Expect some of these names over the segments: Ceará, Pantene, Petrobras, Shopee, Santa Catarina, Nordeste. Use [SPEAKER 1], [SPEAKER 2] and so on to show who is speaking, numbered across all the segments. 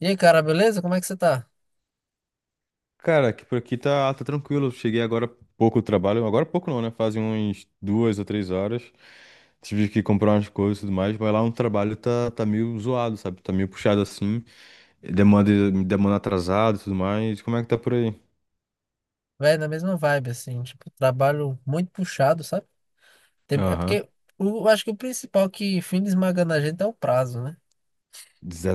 [SPEAKER 1] E aí, cara, beleza? Como é que você tá?
[SPEAKER 2] Cara, que por aqui tá tranquilo. Cheguei agora há pouco do trabalho. Agora há pouco não, né? Fazem uns duas ou 3 horas. Tive que comprar umas coisas e tudo mais, mas lá no trabalho tá meio zoado, sabe? Tá meio puxado assim. Demanda atrasada e tudo mais. Como é que tá por aí?
[SPEAKER 1] Véi, na mesma vibe, assim, tipo, trabalho muito puxado, sabe? É
[SPEAKER 2] Aham.
[SPEAKER 1] porque eu acho que o principal que fica esmagando a gente é o prazo, né?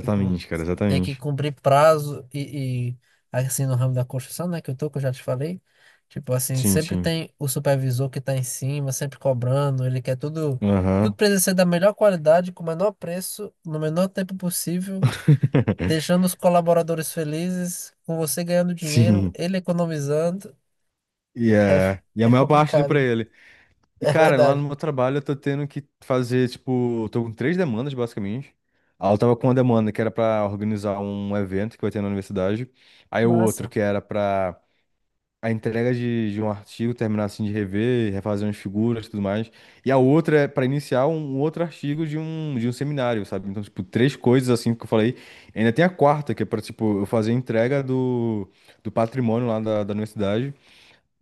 [SPEAKER 1] Tipo,
[SPEAKER 2] cara,
[SPEAKER 1] tem que
[SPEAKER 2] exatamente.
[SPEAKER 1] cumprir prazo e assim, no ramo da construção, né, que eu tô, que eu já te falei. Tipo, assim,
[SPEAKER 2] Sim,
[SPEAKER 1] sempre
[SPEAKER 2] sim.
[SPEAKER 1] tem o supervisor que tá em cima, sempre cobrando, ele quer tudo, tudo
[SPEAKER 2] Aham.
[SPEAKER 1] precisa ser da melhor qualidade, com o menor preço, no menor tempo possível. Deixando os colaboradores felizes, com você ganhando dinheiro,
[SPEAKER 2] Sim.
[SPEAKER 1] ele economizando.
[SPEAKER 2] E
[SPEAKER 1] É,
[SPEAKER 2] é. E a
[SPEAKER 1] é
[SPEAKER 2] maior parte do
[SPEAKER 1] complicado,
[SPEAKER 2] pra
[SPEAKER 1] né?
[SPEAKER 2] ele. E,
[SPEAKER 1] É
[SPEAKER 2] cara, lá no
[SPEAKER 1] verdade.
[SPEAKER 2] meu trabalho eu tô tendo que fazer, tipo, tô com três demandas, basicamente. Aí eu tava com uma demanda que era pra organizar um evento que vai ter na universidade. Aí o outro
[SPEAKER 1] Massa.
[SPEAKER 2] que era pra a entrega de um artigo, terminar assim de rever, refazer umas figuras e tudo mais. E a outra é pra iniciar um outro artigo de um seminário, sabe? Então, tipo, três coisas assim que eu falei. Ainda tem a quarta, que é pra, tipo, eu fazer a entrega do patrimônio lá da universidade.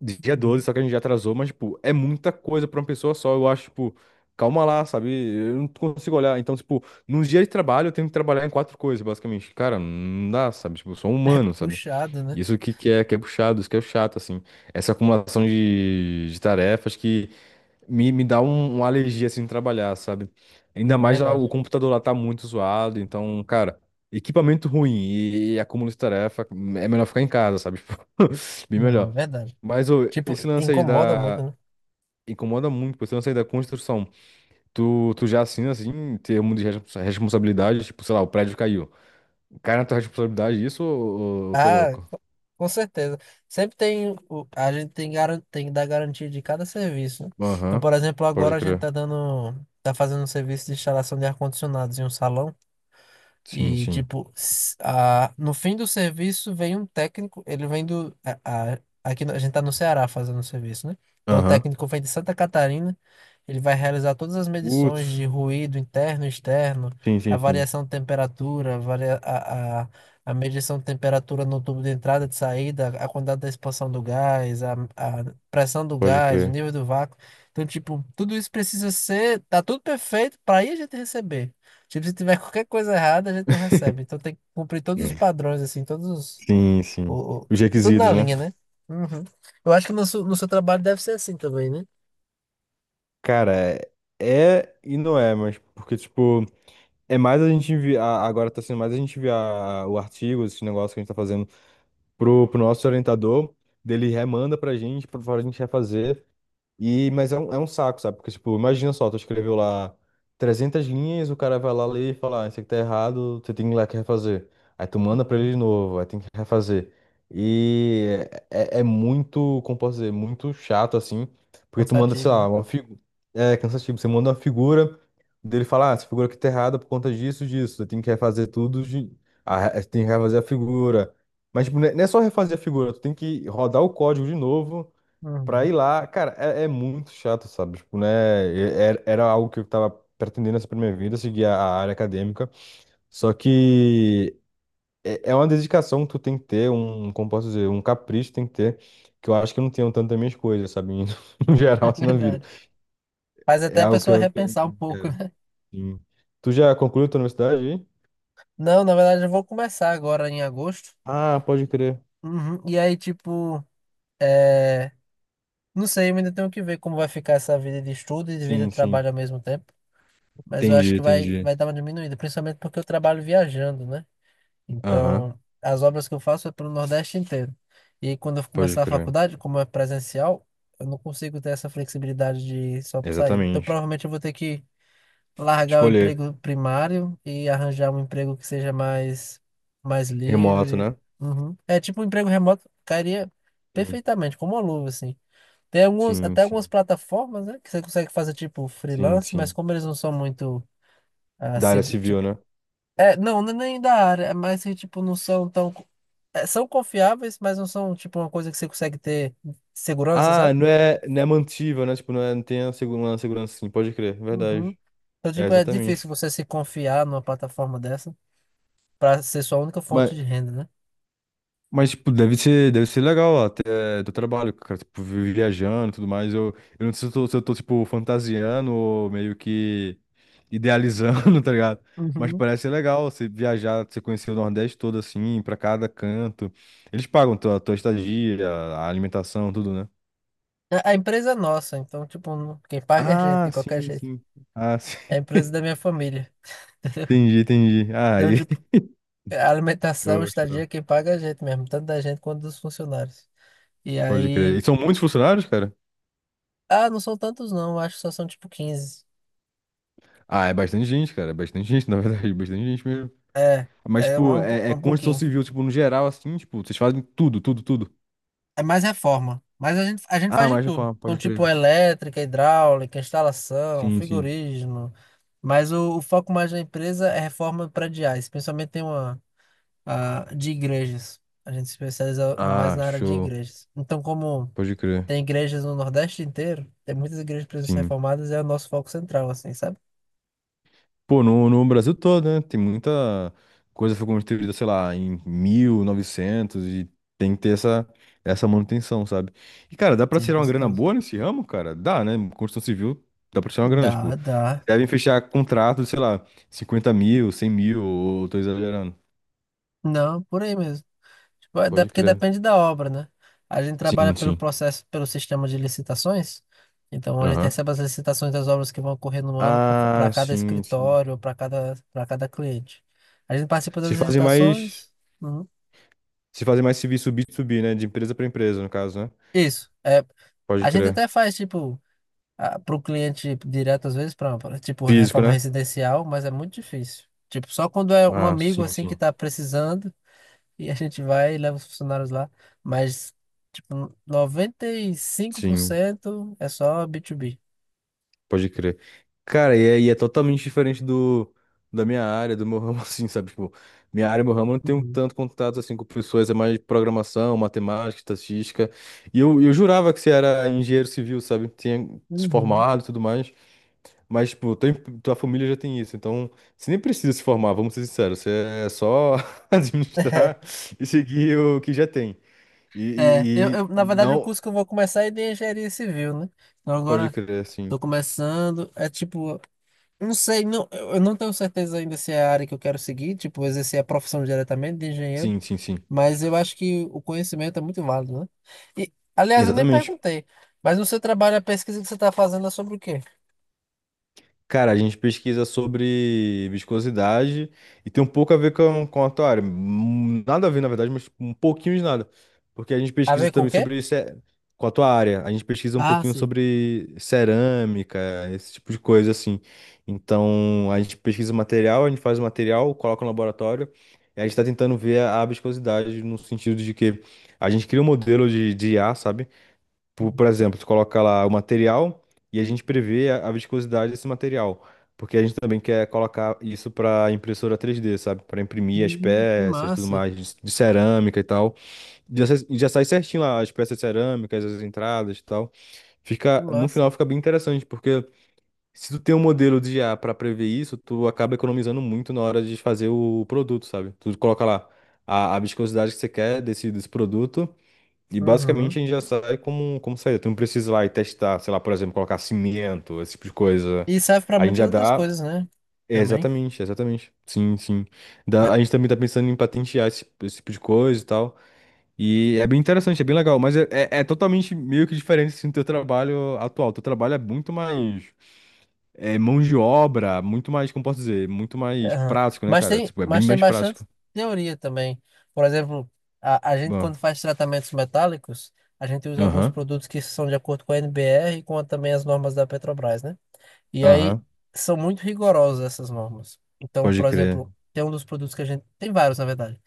[SPEAKER 2] Dia 12,
[SPEAKER 1] Uhum.
[SPEAKER 2] só que a gente já atrasou, mas, tipo, é muita coisa pra uma pessoa só. Eu acho, tipo, calma lá, sabe? Eu não consigo olhar. Então, tipo, num dia de trabalho eu tenho que trabalhar em quatro coisas, basicamente. Cara, não dá, sabe? Tipo, eu sou um
[SPEAKER 1] É
[SPEAKER 2] humano, sabe?
[SPEAKER 1] puxado, né?
[SPEAKER 2] Isso que é puxado, isso que é chato, assim. Essa acumulação de tarefas que me dá uma alergia, assim, de trabalhar, sabe? Ainda
[SPEAKER 1] Não, é
[SPEAKER 2] mais lá,
[SPEAKER 1] verdade.
[SPEAKER 2] o computador lá tá muito zoado, então, cara. Equipamento ruim e acúmulo de tarefa, é melhor ficar em casa, sabe? Tipo, bem
[SPEAKER 1] Não, é
[SPEAKER 2] melhor.
[SPEAKER 1] verdade.
[SPEAKER 2] Mas ô,
[SPEAKER 1] Tipo,
[SPEAKER 2] esse lance aí
[SPEAKER 1] incomoda muito,
[SPEAKER 2] da.
[SPEAKER 1] né?
[SPEAKER 2] Incomoda muito, pô, esse lance aí da construção. Tu já assina, assim, em termos de responsabilidade, tipo, sei lá, o prédio caiu. Cai na tua responsabilidade isso ou eu tô
[SPEAKER 1] Ah,
[SPEAKER 2] louco?
[SPEAKER 1] co- com certeza. Sempre tem. A gente tem, tem que dar garantia de cada serviço, né? Então,
[SPEAKER 2] Aham.
[SPEAKER 1] por exemplo,
[SPEAKER 2] Pode
[SPEAKER 1] agora a gente
[SPEAKER 2] crer.
[SPEAKER 1] tá dando. Tá fazendo um serviço de instalação de ar-condicionados em um salão.
[SPEAKER 2] Sim,
[SPEAKER 1] E,
[SPEAKER 2] sim.
[SPEAKER 1] tipo, no fim do serviço vem um técnico, ele vem do. A, a- aqui a gente tá no Ceará fazendo o serviço, né? Então o
[SPEAKER 2] Aham.
[SPEAKER 1] técnico vem de Santa Catarina, ele vai realizar todas as medições
[SPEAKER 2] Putz.
[SPEAKER 1] de ruído interno e externo,
[SPEAKER 2] Sim,
[SPEAKER 1] a
[SPEAKER 2] sim, sim.
[SPEAKER 1] variação de temperatura, a, varia- a medição de temperatura no tubo de entrada e de saída, a quantidade da expansão do gás, a pressão do
[SPEAKER 2] Pode
[SPEAKER 1] gás, o
[SPEAKER 2] crer.
[SPEAKER 1] nível do vácuo. Então, tipo, tudo isso precisa ser. Tá tudo perfeito para aí a gente receber. Tipo, se tiver qualquer coisa errada, a gente não recebe. Então tem que cumprir todos os
[SPEAKER 2] É.
[SPEAKER 1] padrões, assim, todos os.
[SPEAKER 2] Sim, sim.
[SPEAKER 1] O, o-
[SPEAKER 2] Os
[SPEAKER 1] tudo
[SPEAKER 2] requisitos,
[SPEAKER 1] na
[SPEAKER 2] né?
[SPEAKER 1] linha, né? Uhum. Eu acho que no seu, no seu trabalho deve ser assim também, né?
[SPEAKER 2] Cara, é e não é, mas porque, tipo, é mais a gente enviar. Agora tá sendo mais a gente enviar o artigo, esse negócio que a gente tá fazendo pro nosso orientador, dele remanda pra gente, pra gente refazer. E, mas é um saco, sabe? Porque, tipo, imagina só, tu escreveu lá 300 linhas, o cara vai lá ler e fala, ah, isso aqui tá errado, você tem que ir lá que refazer. Aí tu manda pra ele de novo, aí tem que refazer. E é muito, como posso dizer, muito chato, assim, porque tu manda, sei
[SPEAKER 1] Cansativo,
[SPEAKER 2] lá,
[SPEAKER 1] né?
[SPEAKER 2] uma figura. É cansativo, você manda uma figura, dele falar ah, essa figura aqui tá errada por conta disso, aí tem que refazer tudo, de. Ah, tem que refazer a figura. Mas, tipo, não é só refazer a figura, tu tem que rodar o código de novo pra
[SPEAKER 1] Uhum.
[SPEAKER 2] ir lá, cara, é muito chato, sabe? Tipo, né? Era algo que eu tava pretendendo essa pra minha vida, seguir a área acadêmica. Só que é uma dedicação que tu tem que ter, um, como posso dizer, um capricho tem que ter, que eu acho que eu não tenho tanto das minhas coisas, sabe? No
[SPEAKER 1] É
[SPEAKER 2] geral, assim, na vida.
[SPEAKER 1] verdade. Faz
[SPEAKER 2] É
[SPEAKER 1] até a
[SPEAKER 2] algo que
[SPEAKER 1] pessoa
[SPEAKER 2] eu, que eu
[SPEAKER 1] repensar um pouco,
[SPEAKER 2] quero.
[SPEAKER 1] né?
[SPEAKER 2] Sim. Tu já concluiu tua universidade aí?
[SPEAKER 1] Não, na verdade, eu vou começar agora em agosto.
[SPEAKER 2] Ah, pode crer.
[SPEAKER 1] Uhum. E aí, tipo, é, não sei, eu ainda tenho que ver como vai ficar essa vida de estudo e de vida
[SPEAKER 2] Sim,
[SPEAKER 1] de
[SPEAKER 2] sim.
[SPEAKER 1] trabalho ao mesmo tempo. Mas eu acho
[SPEAKER 2] Entendi,
[SPEAKER 1] que vai,
[SPEAKER 2] entendi.
[SPEAKER 1] vai dar uma diminuída, principalmente porque eu trabalho viajando, né?
[SPEAKER 2] Aham,
[SPEAKER 1] Então, as obras que eu faço é para o Nordeste inteiro. E quando eu
[SPEAKER 2] pode
[SPEAKER 1] começar a
[SPEAKER 2] crer.
[SPEAKER 1] faculdade, como é presencial, eu não consigo ter essa flexibilidade de só sair. Então,
[SPEAKER 2] Exatamente.
[SPEAKER 1] provavelmente eu vou ter que largar o
[SPEAKER 2] Escolher.
[SPEAKER 1] emprego primário e arranjar um emprego que seja mais, mais
[SPEAKER 2] Remoto,
[SPEAKER 1] livre.
[SPEAKER 2] né?
[SPEAKER 1] Uhum. É tipo um emprego remoto, cairia
[SPEAKER 2] Sim,
[SPEAKER 1] perfeitamente, como uma luva, assim. Tem alguns,
[SPEAKER 2] sim.
[SPEAKER 1] até algumas
[SPEAKER 2] Sim.
[SPEAKER 1] plataformas, né, que você consegue fazer tipo
[SPEAKER 2] Sim,
[SPEAKER 1] freelance, mas
[SPEAKER 2] sim.
[SPEAKER 1] como eles não são muito
[SPEAKER 2] Da área
[SPEAKER 1] tipo,
[SPEAKER 2] civil, né?
[SPEAKER 1] é, não, não é nem da área, é mais que, tipo, não são tão é, são confiáveis, mas não são tipo uma coisa que você consegue ter segurança,
[SPEAKER 2] Ah,
[SPEAKER 1] sabe?
[SPEAKER 2] não é, não é mantível, né? Tipo, não, é, não tem a uma segurança, sim, pode crer,
[SPEAKER 1] Uhum.
[SPEAKER 2] verdade.
[SPEAKER 1] Então,
[SPEAKER 2] É,
[SPEAKER 1] tipo, é
[SPEAKER 2] exatamente.
[SPEAKER 1] difícil você se confiar numa plataforma dessa para ser sua única
[SPEAKER 2] Mas,
[SPEAKER 1] fonte de renda, né?
[SPEAKER 2] mas tipo, deve ser legal até do trabalho, cara, tipo, viajando e tudo mais. Eu não sei se eu tô, tipo, fantasiando ou meio que idealizando, tá ligado? Mas
[SPEAKER 1] Uhum.
[SPEAKER 2] parece ser legal você viajar, você conhecer o Nordeste todo assim, pra cada canto. Eles pagam tua estadia, a alimentação, tudo, né?
[SPEAKER 1] A empresa é nossa, então, tipo, quem paga é a gente,
[SPEAKER 2] Ah,
[SPEAKER 1] de qualquer
[SPEAKER 2] sim,
[SPEAKER 1] jeito.
[SPEAKER 2] sim. Ah, sim.
[SPEAKER 1] É a empresa da minha família.
[SPEAKER 2] Entendi, entendi. Ah,
[SPEAKER 1] Então,
[SPEAKER 2] e.
[SPEAKER 1] tipo, a alimentação, a
[SPEAKER 2] Show,
[SPEAKER 1] estadia,
[SPEAKER 2] show.
[SPEAKER 1] quem paga é a gente mesmo, tanto da gente quanto dos funcionários. E
[SPEAKER 2] Pode crer.
[SPEAKER 1] aí.
[SPEAKER 2] E são muitos funcionários, cara?
[SPEAKER 1] Ah, não são tantos, não, acho que só são tipo 15.
[SPEAKER 2] Ah, é bastante gente, cara. É bastante gente, na verdade. Bastante gente mesmo.
[SPEAKER 1] É,
[SPEAKER 2] Mas, tipo, é
[SPEAKER 1] um
[SPEAKER 2] construção
[SPEAKER 1] pouquinho.
[SPEAKER 2] civil, tipo, no geral, assim, tipo, vocês fazem tudo, tudo, tudo.
[SPEAKER 1] É mais reforma. Mas a gente
[SPEAKER 2] Ah,
[SPEAKER 1] faz de
[SPEAKER 2] mais
[SPEAKER 1] tudo.
[SPEAKER 2] reforma,
[SPEAKER 1] Então,
[SPEAKER 2] pode crer.
[SPEAKER 1] tipo, elétrica, hidráulica, instalação,
[SPEAKER 2] Sim, sim.
[SPEAKER 1] frigorígeno. Mas o foco mais da empresa é reforma prediais. Principalmente tem uma de igrejas. A gente se especializa mais
[SPEAKER 2] Ah,
[SPEAKER 1] na área de
[SPEAKER 2] show.
[SPEAKER 1] igrejas. Então, como
[SPEAKER 2] Pode crer.
[SPEAKER 1] tem igrejas no Nordeste inteiro, tem muitas igrejas que precisam ser
[SPEAKER 2] Sim.
[SPEAKER 1] reformadas, é o nosso foco central, assim, sabe?
[SPEAKER 2] Pô, no Brasil todo, né? Tem muita coisa que foi construída, sei lá, em 1900 e novecentos e tem que ter essa manutenção, sabe? E, cara, dá pra
[SPEAKER 1] Sim,
[SPEAKER 2] tirar
[SPEAKER 1] com
[SPEAKER 2] uma grana
[SPEAKER 1] certeza.
[SPEAKER 2] boa nesse ramo, cara? Dá, né? Construção civil dá pra tirar uma grana, tipo,
[SPEAKER 1] Dá, dá.
[SPEAKER 2] vocês devem fechar contratos, sei lá, 50 mil, 100 mil, ou tô exagerando.
[SPEAKER 1] Não, por aí mesmo. Tipo,
[SPEAKER 2] Pode
[SPEAKER 1] porque
[SPEAKER 2] crer.
[SPEAKER 1] depende da obra, né? A gente trabalha
[SPEAKER 2] Sim,
[SPEAKER 1] pelo
[SPEAKER 2] sim.
[SPEAKER 1] processo, pelo sistema de licitações. Então, a gente
[SPEAKER 2] Aham.
[SPEAKER 1] recebe as licitações das obras que vão ocorrer no ano para
[SPEAKER 2] Ah,
[SPEAKER 1] cada
[SPEAKER 2] sim, sim.
[SPEAKER 1] escritório, para cada cliente. A gente participa das
[SPEAKER 2] Vocês fazem mais,
[SPEAKER 1] licitações. Uhum.
[SPEAKER 2] vocês fazem mais serviço B2B, né? De empresa pra empresa, no caso, né?
[SPEAKER 1] Isso. É,
[SPEAKER 2] Pode
[SPEAKER 1] a gente
[SPEAKER 2] crer.
[SPEAKER 1] até faz, tipo, para o cliente direto, às vezes, para, tipo,
[SPEAKER 2] Físico,
[SPEAKER 1] reforma
[SPEAKER 2] né?
[SPEAKER 1] residencial, mas é muito difícil. Tipo, só quando é um
[SPEAKER 2] Ah,
[SPEAKER 1] amigo,
[SPEAKER 2] sim,
[SPEAKER 1] assim, que
[SPEAKER 2] sim.
[SPEAKER 1] está precisando, e a gente vai e leva os funcionários lá. Mas, tipo,
[SPEAKER 2] Sim.
[SPEAKER 1] 95% é só B2B.
[SPEAKER 2] Pode crer. Cara, e é totalmente diferente do da minha área, do meu ramo, assim, sabe? Tipo, minha área, meu ramo, eu não tenho
[SPEAKER 1] Uhum.
[SPEAKER 2] tanto contato, assim, com pessoas, é mais programação, matemática, estatística. E eu jurava que você era engenheiro civil, sabe? Tinha se
[SPEAKER 1] Uhum.
[SPEAKER 2] formado e tudo mais. Mas, tipo, tua família já tem isso, então você nem precisa se formar, vamos ser sinceros. Você é só administrar e seguir o que já tem.
[SPEAKER 1] É, eu,
[SPEAKER 2] E,
[SPEAKER 1] eu,
[SPEAKER 2] e, e
[SPEAKER 1] na verdade, o
[SPEAKER 2] não.
[SPEAKER 1] curso que eu vou começar é de engenharia civil, né? Então
[SPEAKER 2] Pode
[SPEAKER 1] agora
[SPEAKER 2] crer, sim.
[SPEAKER 1] tô começando, é tipo, não sei, não, eu não tenho certeza ainda se é a área que eu quero seguir, tipo, exercer a profissão diretamente de engenheiro,
[SPEAKER 2] Sim, sim, sim.
[SPEAKER 1] mas eu acho que o conhecimento é muito válido, né? E, aliás, eu nem
[SPEAKER 2] Exatamente.
[SPEAKER 1] perguntei, mas no seu trabalho, a pesquisa que você está fazendo é sobre o quê?
[SPEAKER 2] Cara, a gente pesquisa sobre viscosidade e tem um pouco a ver com a tua área. Nada a ver, na verdade, mas um pouquinho de nada. Porque a gente
[SPEAKER 1] A
[SPEAKER 2] pesquisa
[SPEAKER 1] ver com o
[SPEAKER 2] também
[SPEAKER 1] quê?
[SPEAKER 2] sobre com a tua área. A gente pesquisa um
[SPEAKER 1] Ah,
[SPEAKER 2] pouquinho
[SPEAKER 1] sim.
[SPEAKER 2] sobre cerâmica, esse tipo de coisa assim. Então, a gente pesquisa o material, a gente faz o material, coloca no laboratório e a gente está tentando ver a viscosidade no sentido de que a gente cria um modelo de IA, sabe? Por exemplo, tu coloca lá o material e a gente prevê a viscosidade desse material, porque a gente também quer colocar isso para impressora 3D, sabe? Para imprimir as
[SPEAKER 1] Que
[SPEAKER 2] peças, tudo
[SPEAKER 1] massa,
[SPEAKER 2] mais de cerâmica e tal. Já, já sai certinho lá as peças cerâmicas, as entradas e tal.
[SPEAKER 1] que
[SPEAKER 2] Fica, no
[SPEAKER 1] massa.
[SPEAKER 2] final fica bem interessante, porque se tu tem um modelo de IA para prever isso, tu acaba economizando muito na hora de fazer o produto, sabe? Tu coloca lá a viscosidade que você quer desse produto. E
[SPEAKER 1] Uhum.
[SPEAKER 2] basicamente a gente já sai como saída. Tu não precisa ir lá e testar, sei lá, por exemplo, colocar cimento, esse tipo de coisa.
[SPEAKER 1] E serve para
[SPEAKER 2] A gente
[SPEAKER 1] muitas
[SPEAKER 2] já
[SPEAKER 1] outras
[SPEAKER 2] dá.
[SPEAKER 1] coisas, né?
[SPEAKER 2] É,
[SPEAKER 1] Também.
[SPEAKER 2] exatamente, exatamente. Sim, sim.
[SPEAKER 1] É,
[SPEAKER 2] A gente também tá pensando em patentear esse tipo de coisa e tal. E é bem interessante, é bem legal, mas é totalmente meio que diferente assim, do teu trabalho atual. Teu trabalho é muito mais mão de obra, muito mais, como posso dizer, muito mais
[SPEAKER 1] aham.
[SPEAKER 2] prático, né,
[SPEAKER 1] Mas
[SPEAKER 2] cara?
[SPEAKER 1] tem,
[SPEAKER 2] Tipo, é bem
[SPEAKER 1] mas tem
[SPEAKER 2] mais
[SPEAKER 1] bastante
[SPEAKER 2] prático.
[SPEAKER 1] teoria também. Por exemplo, a gente
[SPEAKER 2] Bom,
[SPEAKER 1] quando faz tratamentos metálicos, a gente usa alguns
[SPEAKER 2] aham,
[SPEAKER 1] produtos que são de acordo com a NBR e com também as normas da Petrobras, né? E aí
[SPEAKER 2] aham,
[SPEAKER 1] são muito rigorosas essas normas. Então,
[SPEAKER 2] pode
[SPEAKER 1] por
[SPEAKER 2] crer.
[SPEAKER 1] exemplo, tem um dos produtos que a gente tem vários, na verdade,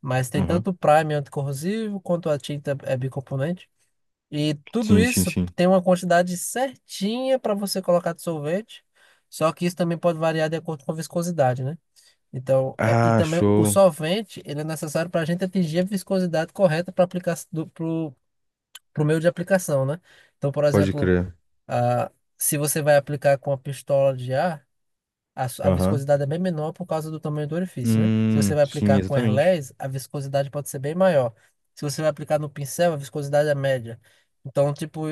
[SPEAKER 1] mas tem
[SPEAKER 2] Aham,
[SPEAKER 1] tanto o primer anticorrosivo quanto a tinta é bicomponente. E tudo
[SPEAKER 2] sim, sim,
[SPEAKER 1] isso
[SPEAKER 2] sim.
[SPEAKER 1] tem uma quantidade certinha para você colocar de sorvete, só que isso também pode variar de acordo com a viscosidade, né? Então, e
[SPEAKER 2] Ah,
[SPEAKER 1] também o
[SPEAKER 2] show.
[SPEAKER 1] solvente, ele é necessário para a gente atingir a viscosidade correta para aplicar pro, pro meio de aplicação, né? Então, por
[SPEAKER 2] Pode
[SPEAKER 1] exemplo,
[SPEAKER 2] crer.
[SPEAKER 1] ah, se você vai aplicar com a pistola de ar, a
[SPEAKER 2] Aham.
[SPEAKER 1] viscosidade é bem menor por causa do tamanho do orifício, né? Se você vai
[SPEAKER 2] Sim,
[SPEAKER 1] aplicar com
[SPEAKER 2] exatamente.
[SPEAKER 1] airless, a viscosidade pode ser bem maior. Se você vai aplicar no pincel, a viscosidade é média. Então, tipo,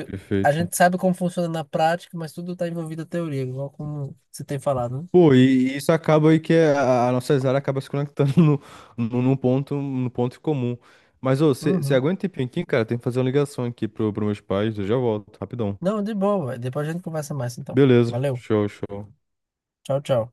[SPEAKER 1] a
[SPEAKER 2] Perfeito.
[SPEAKER 1] gente sabe como funciona na prática, mas tudo está envolvido a teoria, igual como você tem falado, né?
[SPEAKER 2] Pô, e isso acaba aí que é a nossa área acaba se conectando no, num ponto, no ponto comum. Mas, ô, você
[SPEAKER 1] Uhum.
[SPEAKER 2] aguenta um tempinho aqui, cara? Tem que fazer uma ligação aqui pro meus pais, eu já volto, rapidão.
[SPEAKER 1] Não, de boa, véi. Depois a gente conversa mais, então.
[SPEAKER 2] Beleza,
[SPEAKER 1] Valeu.
[SPEAKER 2] show, show.
[SPEAKER 1] Tchau, tchau.